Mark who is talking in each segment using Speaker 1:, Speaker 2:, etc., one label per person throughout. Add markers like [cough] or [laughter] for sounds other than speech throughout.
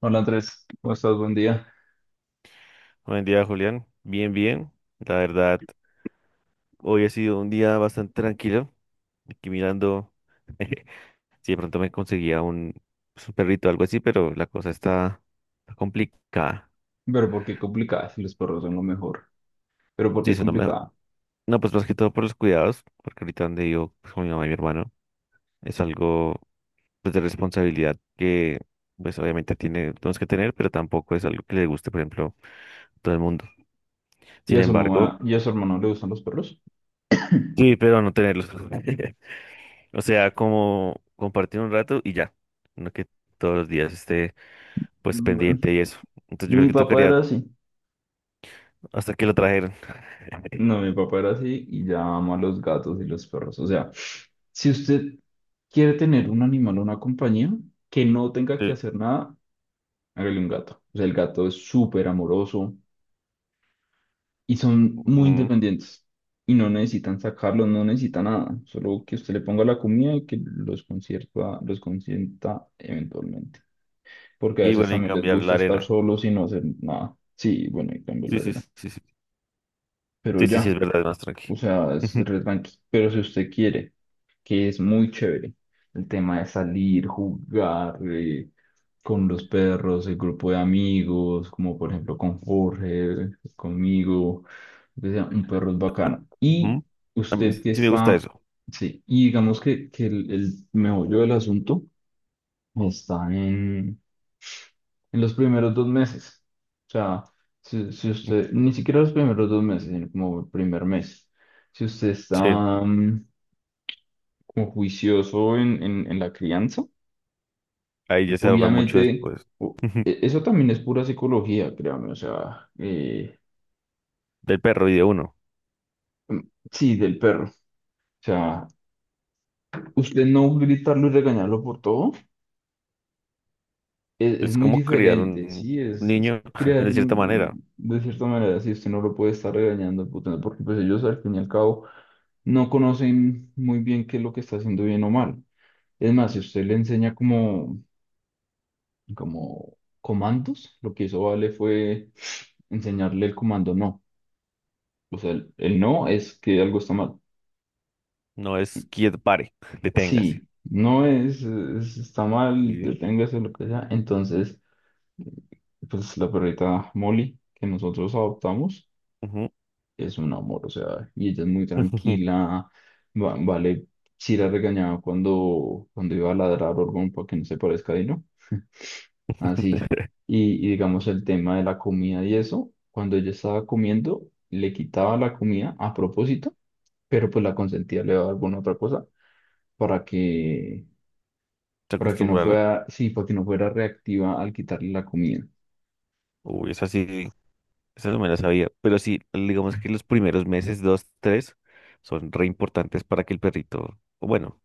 Speaker 1: Hola Andrés, ¿cómo estás? Buen día.
Speaker 2: Buen día, Julián. Bien, bien. La verdad, hoy ha sido un día bastante tranquilo. Aquí mirando [laughs] si de pronto me conseguía pues, un perrito o algo así, pero la cosa está complicada.
Speaker 1: Pero ¿por qué complicada si los perros son lo mejor? Pero ¿por
Speaker 2: Sí.
Speaker 1: qué complicada?
Speaker 2: No, pues más que todo por los cuidados, porque ahorita donde yo pues, con mi mamá y mi hermano es algo pues, de responsabilidad que pues obviamente tenemos que tener, pero tampoco es algo que le guste, por ejemplo, a todo el mundo.
Speaker 1: ¿Y
Speaker 2: Sin
Speaker 1: a su
Speaker 2: embargo,
Speaker 1: mamá y a su hermano le gustan los perros?
Speaker 2: sí, pero no tenerlos. [laughs] O sea, como compartir un rato y ya. No que todos los días esté pues
Speaker 1: Bueno,
Speaker 2: pendiente y eso. Entonces yo creo
Speaker 1: mi
Speaker 2: que
Speaker 1: papá
Speaker 2: tocaría
Speaker 1: era así.
Speaker 2: hasta que lo trajeran.
Speaker 1: No, mi papá era así y ya ama los gatos y los perros. O sea, si usted quiere tener un animal o una compañía que no tenga que
Speaker 2: Sí.
Speaker 1: hacer nada, hágale un gato. O sea, el gato es súper amoroso, y son muy
Speaker 2: Ujú.
Speaker 1: independientes y no necesitan sacarlos, no necesitan nada, solo que usted le ponga la comida y que los concierta, los consienta eventualmente, porque a
Speaker 2: Y
Speaker 1: veces
Speaker 2: bueno, y
Speaker 1: también les
Speaker 2: cambiar la
Speaker 1: gusta estar
Speaker 2: arena.
Speaker 1: solos y no hacer nada. Sí, bueno, y cambio
Speaker 2: Sí,
Speaker 1: la
Speaker 2: sí,
Speaker 1: era.
Speaker 2: sí, sí.
Speaker 1: Pero
Speaker 2: Sí, sí, sí,
Speaker 1: ya,
Speaker 2: es verdad, es más tranquilo.
Speaker 1: o sea, es re
Speaker 2: [laughs]
Speaker 1: tranqui. Pero si usted quiere que es muy chévere. El tema de salir, jugar con los perros, el grupo de amigos, como por ejemplo con Jorge, conmigo. O sea, un perro es bacano. Y
Speaker 2: Ujú. A mí
Speaker 1: usted que
Speaker 2: sí me gusta
Speaker 1: está,
Speaker 2: eso.
Speaker 1: sí, y digamos que el meollo del asunto está en los primeros dos meses. O sea, si usted, ni siquiera los primeros dos meses, sino como el primer mes. Si usted está
Speaker 2: Sí,
Speaker 1: mm, como juicioso en la crianza.
Speaker 2: ahí ya se ahorra mucho
Speaker 1: Obviamente,
Speaker 2: después.
Speaker 1: o-
Speaker 2: Ujú.
Speaker 1: eso también es pura psicología, créame, o sea,
Speaker 2: Del perro y de uno.
Speaker 1: sí, del perro. O sea, usted no gritarlo y regañarlo por todo es
Speaker 2: Es
Speaker 1: muy
Speaker 2: como criar
Speaker 1: diferente, sí,
Speaker 2: un
Speaker 1: es
Speaker 2: niño [laughs]
Speaker 1: crear
Speaker 2: de cierta manera.
Speaker 1: de cierta manera, si usted no lo puede estar regañando, puta, porque pues ellos al fin y al cabo no conocen muy bien qué es lo que está haciendo bien o mal. Es más, si usted le enseña como comandos, lo que hizo Vale fue enseñarle el comando no. O sea, el no es que algo está mal.
Speaker 2: No es quieto, pare, [laughs] deténgase.
Speaker 1: Sí, no es, es- está mal,
Speaker 2: Sí.
Speaker 1: deténgase lo que sea. Entonces, pues la perrita Molly que nosotros adoptamos
Speaker 2: Ujú.
Speaker 1: es un amor, o sea, y ella es muy
Speaker 2: [laughs]
Speaker 1: tranquila. Vale, si la regañaba cuando iba a ladrar Orgón para que no se parezca a Dino. Así. Y digamos el tema de la comida y eso, cuando ella estaba comiendo, le quitaba la comida a propósito, pero pues la consentía, le daba alguna otra cosa para que
Speaker 2: Se
Speaker 1: para que no
Speaker 2: acostumbra, ¿no?
Speaker 1: fuera, sí, para que no fuera reactiva al quitarle la comida.
Speaker 2: Uy, esa sí, esa no me la sabía. Pero sí, digamos que los primeros meses, 2, 3, son re importantes para que el perrito, o bueno,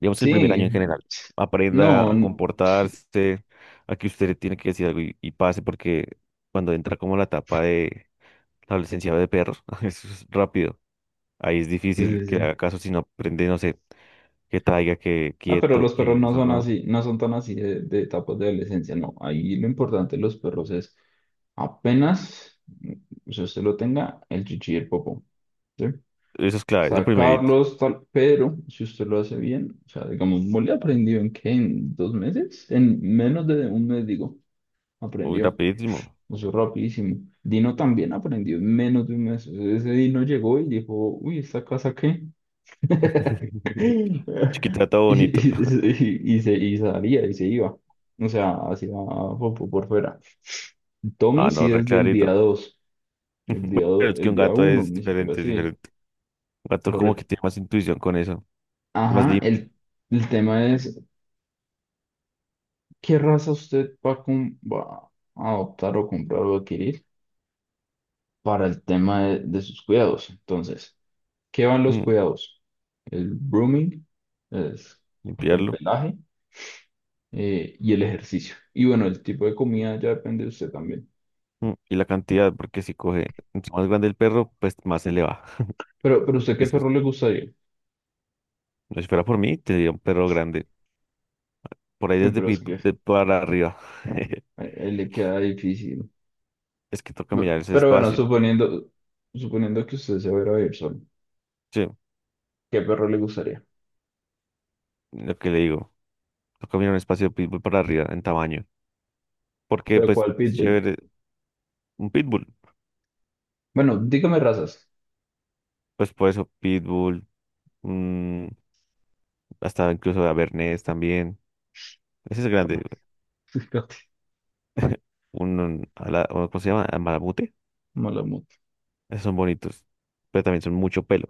Speaker 2: digamos el primer año en
Speaker 1: Sí,
Speaker 2: general, aprenda
Speaker 1: no,
Speaker 2: a
Speaker 1: n- sí,
Speaker 2: comportarse, a que usted le tiene que decir algo y pase, porque cuando entra como la etapa de la adolescencia de perros, [laughs] eso es rápido. Ahí es difícil
Speaker 1: sí, sí,
Speaker 2: que
Speaker 1: sí.
Speaker 2: haga caso si no aprende, no sé, que traiga, que
Speaker 1: No, pero
Speaker 2: quieto,
Speaker 1: los
Speaker 2: que
Speaker 1: perros no
Speaker 2: eso,
Speaker 1: son
Speaker 2: ¿no?
Speaker 1: así, no son tan así de etapas de adolescencia, no. Ahí lo importante de los perros es apenas, si usted lo tenga, el chichi y el popó, ¿sí?
Speaker 2: Eso es clave, eso primerito.
Speaker 1: Sacarlos, tal, pero si usted lo hace bien, o sea, digamos, Molly aprendió en qué, en dos meses, en menos de un mes, digo,
Speaker 2: Muy
Speaker 1: aprendió.
Speaker 2: rapidísimo.
Speaker 1: Eso rapidísimo. Dino también aprendió en menos de un mes. Ese Dino llegó y dijo, uy, ¿esta casa qué? [laughs]
Speaker 2: [laughs] Chiquitata
Speaker 1: Y,
Speaker 2: bonito.
Speaker 1: y- y y se, y salía y se iba. O sea, hacía por, fuera. Tommy
Speaker 2: Ah, no,
Speaker 1: sí
Speaker 2: re
Speaker 1: es del
Speaker 2: clarito.
Speaker 1: día dos. El
Speaker 2: Bueno, es que
Speaker 1: el
Speaker 2: un
Speaker 1: día
Speaker 2: gato
Speaker 1: uno
Speaker 2: es
Speaker 1: ni siquiera
Speaker 2: diferente, es
Speaker 1: así.
Speaker 2: diferente. Un gato como que
Speaker 1: Correcto.
Speaker 2: tiene más intuición con eso, es más
Speaker 1: Ajá,
Speaker 2: limpio.
Speaker 1: el tema es, ¿qué raza usted va a, va a adoptar o comprar o adquirir para el tema de sus cuidados? Entonces... ¿Qué van los
Speaker 2: Mm,
Speaker 1: cuidados? El grooming, es el
Speaker 2: limpiarlo.
Speaker 1: pelaje y el ejercicio. Y bueno, el tipo de comida ya depende de usted también.
Speaker 2: Mm, y la cantidad, porque si coge entre más grande el perro, pues más se le va.
Speaker 1: Pero ¿usted qué
Speaker 2: Eso es,
Speaker 1: perro le gustaría?
Speaker 2: no, si fuera por mí, tendría un perro grande. Por ahí
Speaker 1: Uy,
Speaker 2: desde
Speaker 1: pero es
Speaker 2: Pitbull
Speaker 1: que
Speaker 2: de para arriba. [laughs]
Speaker 1: a él le queda difícil.
Speaker 2: Es que toca mirar ese
Speaker 1: Pero bueno,
Speaker 2: espacio.
Speaker 1: suponiendo, suponiendo que usted se va a ir a vivir solo,
Speaker 2: Sí,
Speaker 1: ¿qué perro le gustaría?
Speaker 2: lo que le digo. Toca mirar un espacio de Pitbull para arriba en tamaño. Porque
Speaker 1: ¿Pero
Speaker 2: pues
Speaker 1: cuál
Speaker 2: es
Speaker 1: pitbull?
Speaker 2: chévere un Pitbull.
Speaker 1: Bueno, dígame razas.
Speaker 2: Pues por eso Pitbull, mm, hasta incluso Avernés también. Ese es grande.
Speaker 1: [laughs]
Speaker 2: O ¿cómo se llama? Malamute.
Speaker 1: Malamute.
Speaker 2: Esos son bonitos, pero también son mucho pelo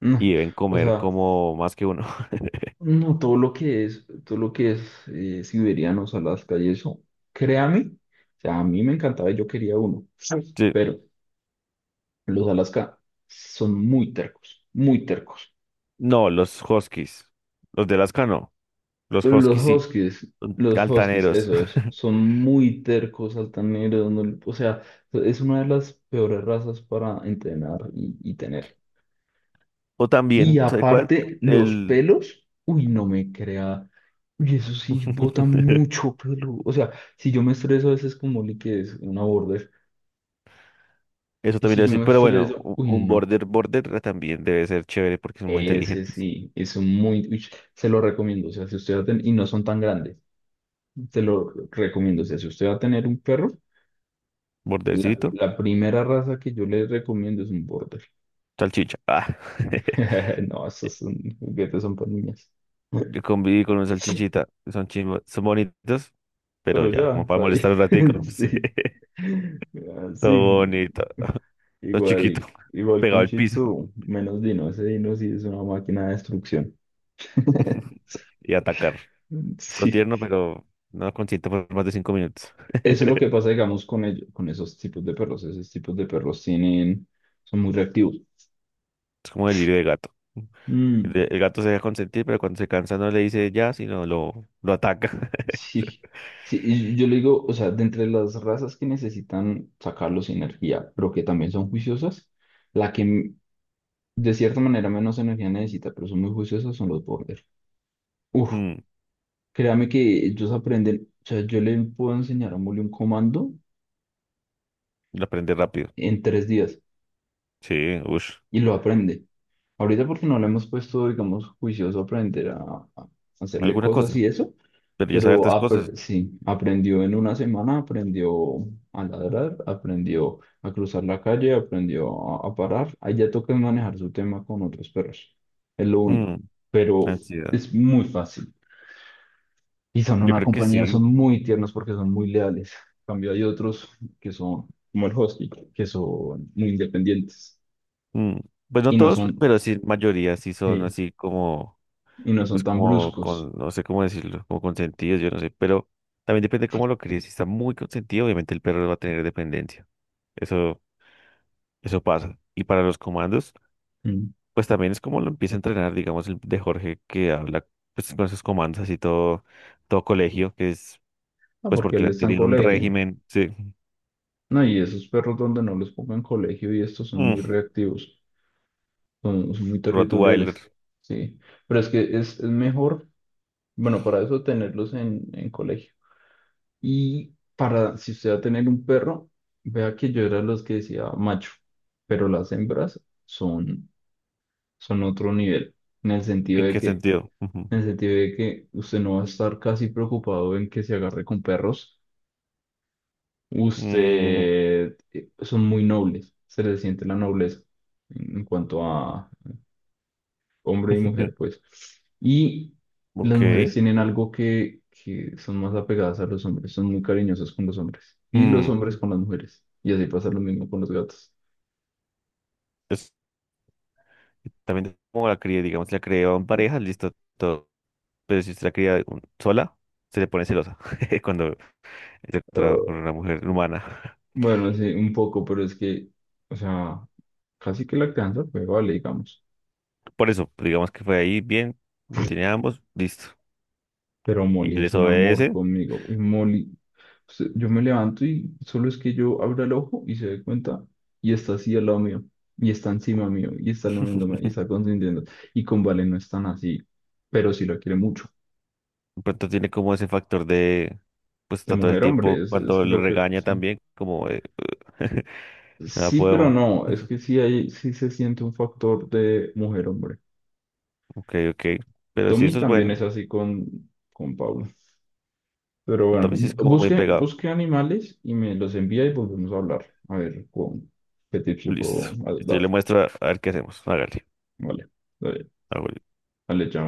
Speaker 1: No,
Speaker 2: y deben
Speaker 1: o
Speaker 2: comer
Speaker 1: sea.
Speaker 2: como más que uno. [laughs]
Speaker 1: No, todo lo que es, todo lo que es siberianos, Alaska y eso, créame, o sea, a mí me encantaba y yo quería uno, [laughs] Sí,
Speaker 2: Sí.
Speaker 1: pero los Alaska son muy tercos, muy tercos.
Speaker 2: No, los huskies, los de Alaska no, los
Speaker 1: Los
Speaker 2: huskies sí,
Speaker 1: Huskies,
Speaker 2: son
Speaker 1: los Huskies,
Speaker 2: altaneros.
Speaker 1: eso es,
Speaker 2: [laughs]
Speaker 1: son muy tercos, altaneros, o sea, es una de las peores razas para entrenar y tener.
Speaker 2: O
Speaker 1: Y
Speaker 2: también, ¿sabe cuál?
Speaker 1: aparte, los
Speaker 2: El...
Speaker 1: pelos, uy, no me crea. Uy, eso sí, bota
Speaker 2: [laughs]
Speaker 1: mucho pelo. O sea, si yo me estreso, a veces como Oli, que es una border.
Speaker 2: Eso
Speaker 1: Y
Speaker 2: también
Speaker 1: si
Speaker 2: iba a
Speaker 1: yo
Speaker 2: decir,
Speaker 1: me
Speaker 2: pero bueno,
Speaker 1: estreso,
Speaker 2: u-
Speaker 1: uy,
Speaker 2: un
Speaker 1: no.
Speaker 2: border también debe ser chévere porque son muy
Speaker 1: Ese
Speaker 2: inteligentes.
Speaker 1: sí, es un muy. Uy, se lo recomiendo. O sea, si usted va a tener. Y no son tan grandes. Se lo recomiendo. O sea, si usted va a tener un perro,
Speaker 2: Bordercito,
Speaker 1: la primera raza que yo le recomiendo es un border.
Speaker 2: salchicha. Ah. [laughs]
Speaker 1: [laughs] No, esos son juguetes, son para niñas.
Speaker 2: Yo conviví con un salchichita, son chimbos, son bonitos, pero
Speaker 1: Pero
Speaker 2: ya,
Speaker 1: ya,
Speaker 2: como para
Speaker 1: está ahí.
Speaker 2: molestar un ratico.
Speaker 1: [laughs]
Speaker 2: [laughs] Sí.
Speaker 1: Sí.
Speaker 2: Todo
Speaker 1: Así.
Speaker 2: bonito, todo chiquito,
Speaker 1: Igual,
Speaker 2: [laughs]
Speaker 1: igual que
Speaker 2: pegado
Speaker 1: un
Speaker 2: al
Speaker 1: Shih
Speaker 2: piso
Speaker 1: Tzu, menos Dino. Ese Dino sí es una máquina de destrucción.
Speaker 2: [laughs]
Speaker 1: [laughs]
Speaker 2: y atacar. Todo
Speaker 1: Sí.
Speaker 2: tierno, pero no consiente por más de 5 minutos. [laughs]
Speaker 1: Eso es lo que pasa, digamos, con ellos, con esos tipos de perros. Esos tipos de perros tienen, son muy reactivos.
Speaker 2: Es como delirio de gato. El,
Speaker 1: Mm,
Speaker 2: el gato se deja consentir, pero cuando se cansa no le dice ya, sino lo ataca. [laughs]
Speaker 1: sí. Sí, y yo le digo, o sea, de entre las razas que necesitan sacarlos energía, pero que también son juiciosas, la que de cierta manera, menos energía necesita, pero son muy juiciosos, son los border. Uf,
Speaker 2: Mm.
Speaker 1: créame que ellos aprenden, o sea, yo le puedo enseñar a Muli un comando
Speaker 2: Lo aprende rápido.
Speaker 1: en tres días
Speaker 2: Sí, ush,
Speaker 1: y lo aprende. Ahorita porque no le hemos puesto, digamos, juicioso a aprender a hacerle
Speaker 2: alguna
Speaker 1: cosas
Speaker 2: cosa.
Speaker 1: y eso,
Speaker 2: Pero ya sabe
Speaker 1: pero
Speaker 2: hartas cosas.
Speaker 1: sí, aprendió en una semana, aprendió a ladrar, aprendió a cruzar la calle, aprendió a parar. Ahí ya toca manejar su tema con otros perros, es lo
Speaker 2: Mm,
Speaker 1: único, pero
Speaker 2: ansiedad.
Speaker 1: es muy fácil. Y son
Speaker 2: Yo
Speaker 1: una
Speaker 2: creo que
Speaker 1: compañía,
Speaker 2: sí.
Speaker 1: son muy tiernos porque son muy leales. En cambio, hay otros que son, como el Husky, que son muy independientes
Speaker 2: Mm. Pues
Speaker 1: y
Speaker 2: no
Speaker 1: no
Speaker 2: todos,
Speaker 1: son,
Speaker 2: pero sí, mayoría sí son
Speaker 1: sí,
Speaker 2: así como
Speaker 1: y no son
Speaker 2: pues
Speaker 1: tan
Speaker 2: como
Speaker 1: bruscos.
Speaker 2: con, no sé cómo decirlo, como consentidos, yo no sé, pero también depende cómo lo críes. Si está muy consentido, obviamente el perro va a tener dependencia. Eso, eso pasa. Y para los comandos,
Speaker 1: Mm.
Speaker 2: pues también es como lo empieza a entrenar, digamos, el de Jorge que habla pues, con esos comandos así todo, todo colegio, que es
Speaker 1: Ah,
Speaker 2: pues
Speaker 1: porque
Speaker 2: porque
Speaker 1: él
Speaker 2: le
Speaker 1: está en
Speaker 2: tenían un
Speaker 1: colegio.
Speaker 2: régimen, sí.
Speaker 1: No, y esos perros donde no los pongan en colegio y estos son
Speaker 2: Mm.
Speaker 1: muy reactivos, son, son muy
Speaker 2: Rottweiler.
Speaker 1: territoriales. Sí, pero es que es mejor, bueno, para eso tenerlos en colegio. Y para, si usted va a tener un perro, vea que yo era los que decía macho, pero las hembras son, son otro nivel, en el sentido
Speaker 2: ¿En
Speaker 1: de
Speaker 2: qué
Speaker 1: que,
Speaker 2: sentido? Ujú.
Speaker 1: en el sentido de que usted no va a estar casi preocupado en que se agarre con perros.
Speaker 2: Mm,
Speaker 1: Usted, son muy nobles, se le siente la nobleza en cuanto a, hombre y mujer,
Speaker 2: [laughs]
Speaker 1: pues. Y las mujeres
Speaker 2: ok.
Speaker 1: tienen algo que son más apegadas a los hombres, son muy cariñosas con los hombres y los
Speaker 2: Mm,
Speaker 1: hombres con las mujeres. Y así pasa lo mismo con los gatos.
Speaker 2: es- también como la cría, digamos, la criaban en pareja, listo, todo. Pero si usted la cría sola, se le pone celosa [laughs] cuando está con con
Speaker 1: Ah,
Speaker 2: una mujer humana.
Speaker 1: bueno, sí, un poco, pero es que, o sea, casi que la crianza fue, vale, digamos.
Speaker 2: [laughs] Por eso, digamos que fue ahí bien, le tiene a ambos, listo.
Speaker 1: Pero
Speaker 2: Y
Speaker 1: Molly es
Speaker 2: les
Speaker 1: un amor
Speaker 2: obedece.
Speaker 1: conmigo. Uy, Molly, yo me levanto y solo es que yo abro el ojo y se dé cuenta y está así al lado mío y está encima mío y está lamiéndome y está consintiendo. Y con Vale no es tan así, pero sí lo quiere mucho.
Speaker 2: De pronto tiene como ese factor de, pues
Speaker 1: De
Speaker 2: está todo el
Speaker 1: mujer, a hombre,
Speaker 2: tiempo
Speaker 1: es
Speaker 2: cuando le
Speaker 1: lo que
Speaker 2: regaña
Speaker 1: sí.
Speaker 2: también, como de, [laughs] nada
Speaker 1: Sí, pero
Speaker 2: puedo,
Speaker 1: no, es que sí, hay, sí se siente un factor de mujer, hombre.
Speaker 2: ok, ok. Pero si
Speaker 1: Tommy
Speaker 2: eso es
Speaker 1: también es
Speaker 2: bueno,
Speaker 1: así con Pablo. Pero
Speaker 2: pues,
Speaker 1: bueno,
Speaker 2: también si es como muy
Speaker 1: busque,
Speaker 2: pegado,
Speaker 1: busque animales y me los envía y volvemos a hablar. A ver, con, ¿qué tips le
Speaker 2: listo.
Speaker 1: puedo
Speaker 2: Listo, yo
Speaker 1: dar?
Speaker 2: le muestro a ver qué hacemos. Hágale.
Speaker 1: Vale, vale,
Speaker 2: Hágale.
Speaker 1: vale, chao.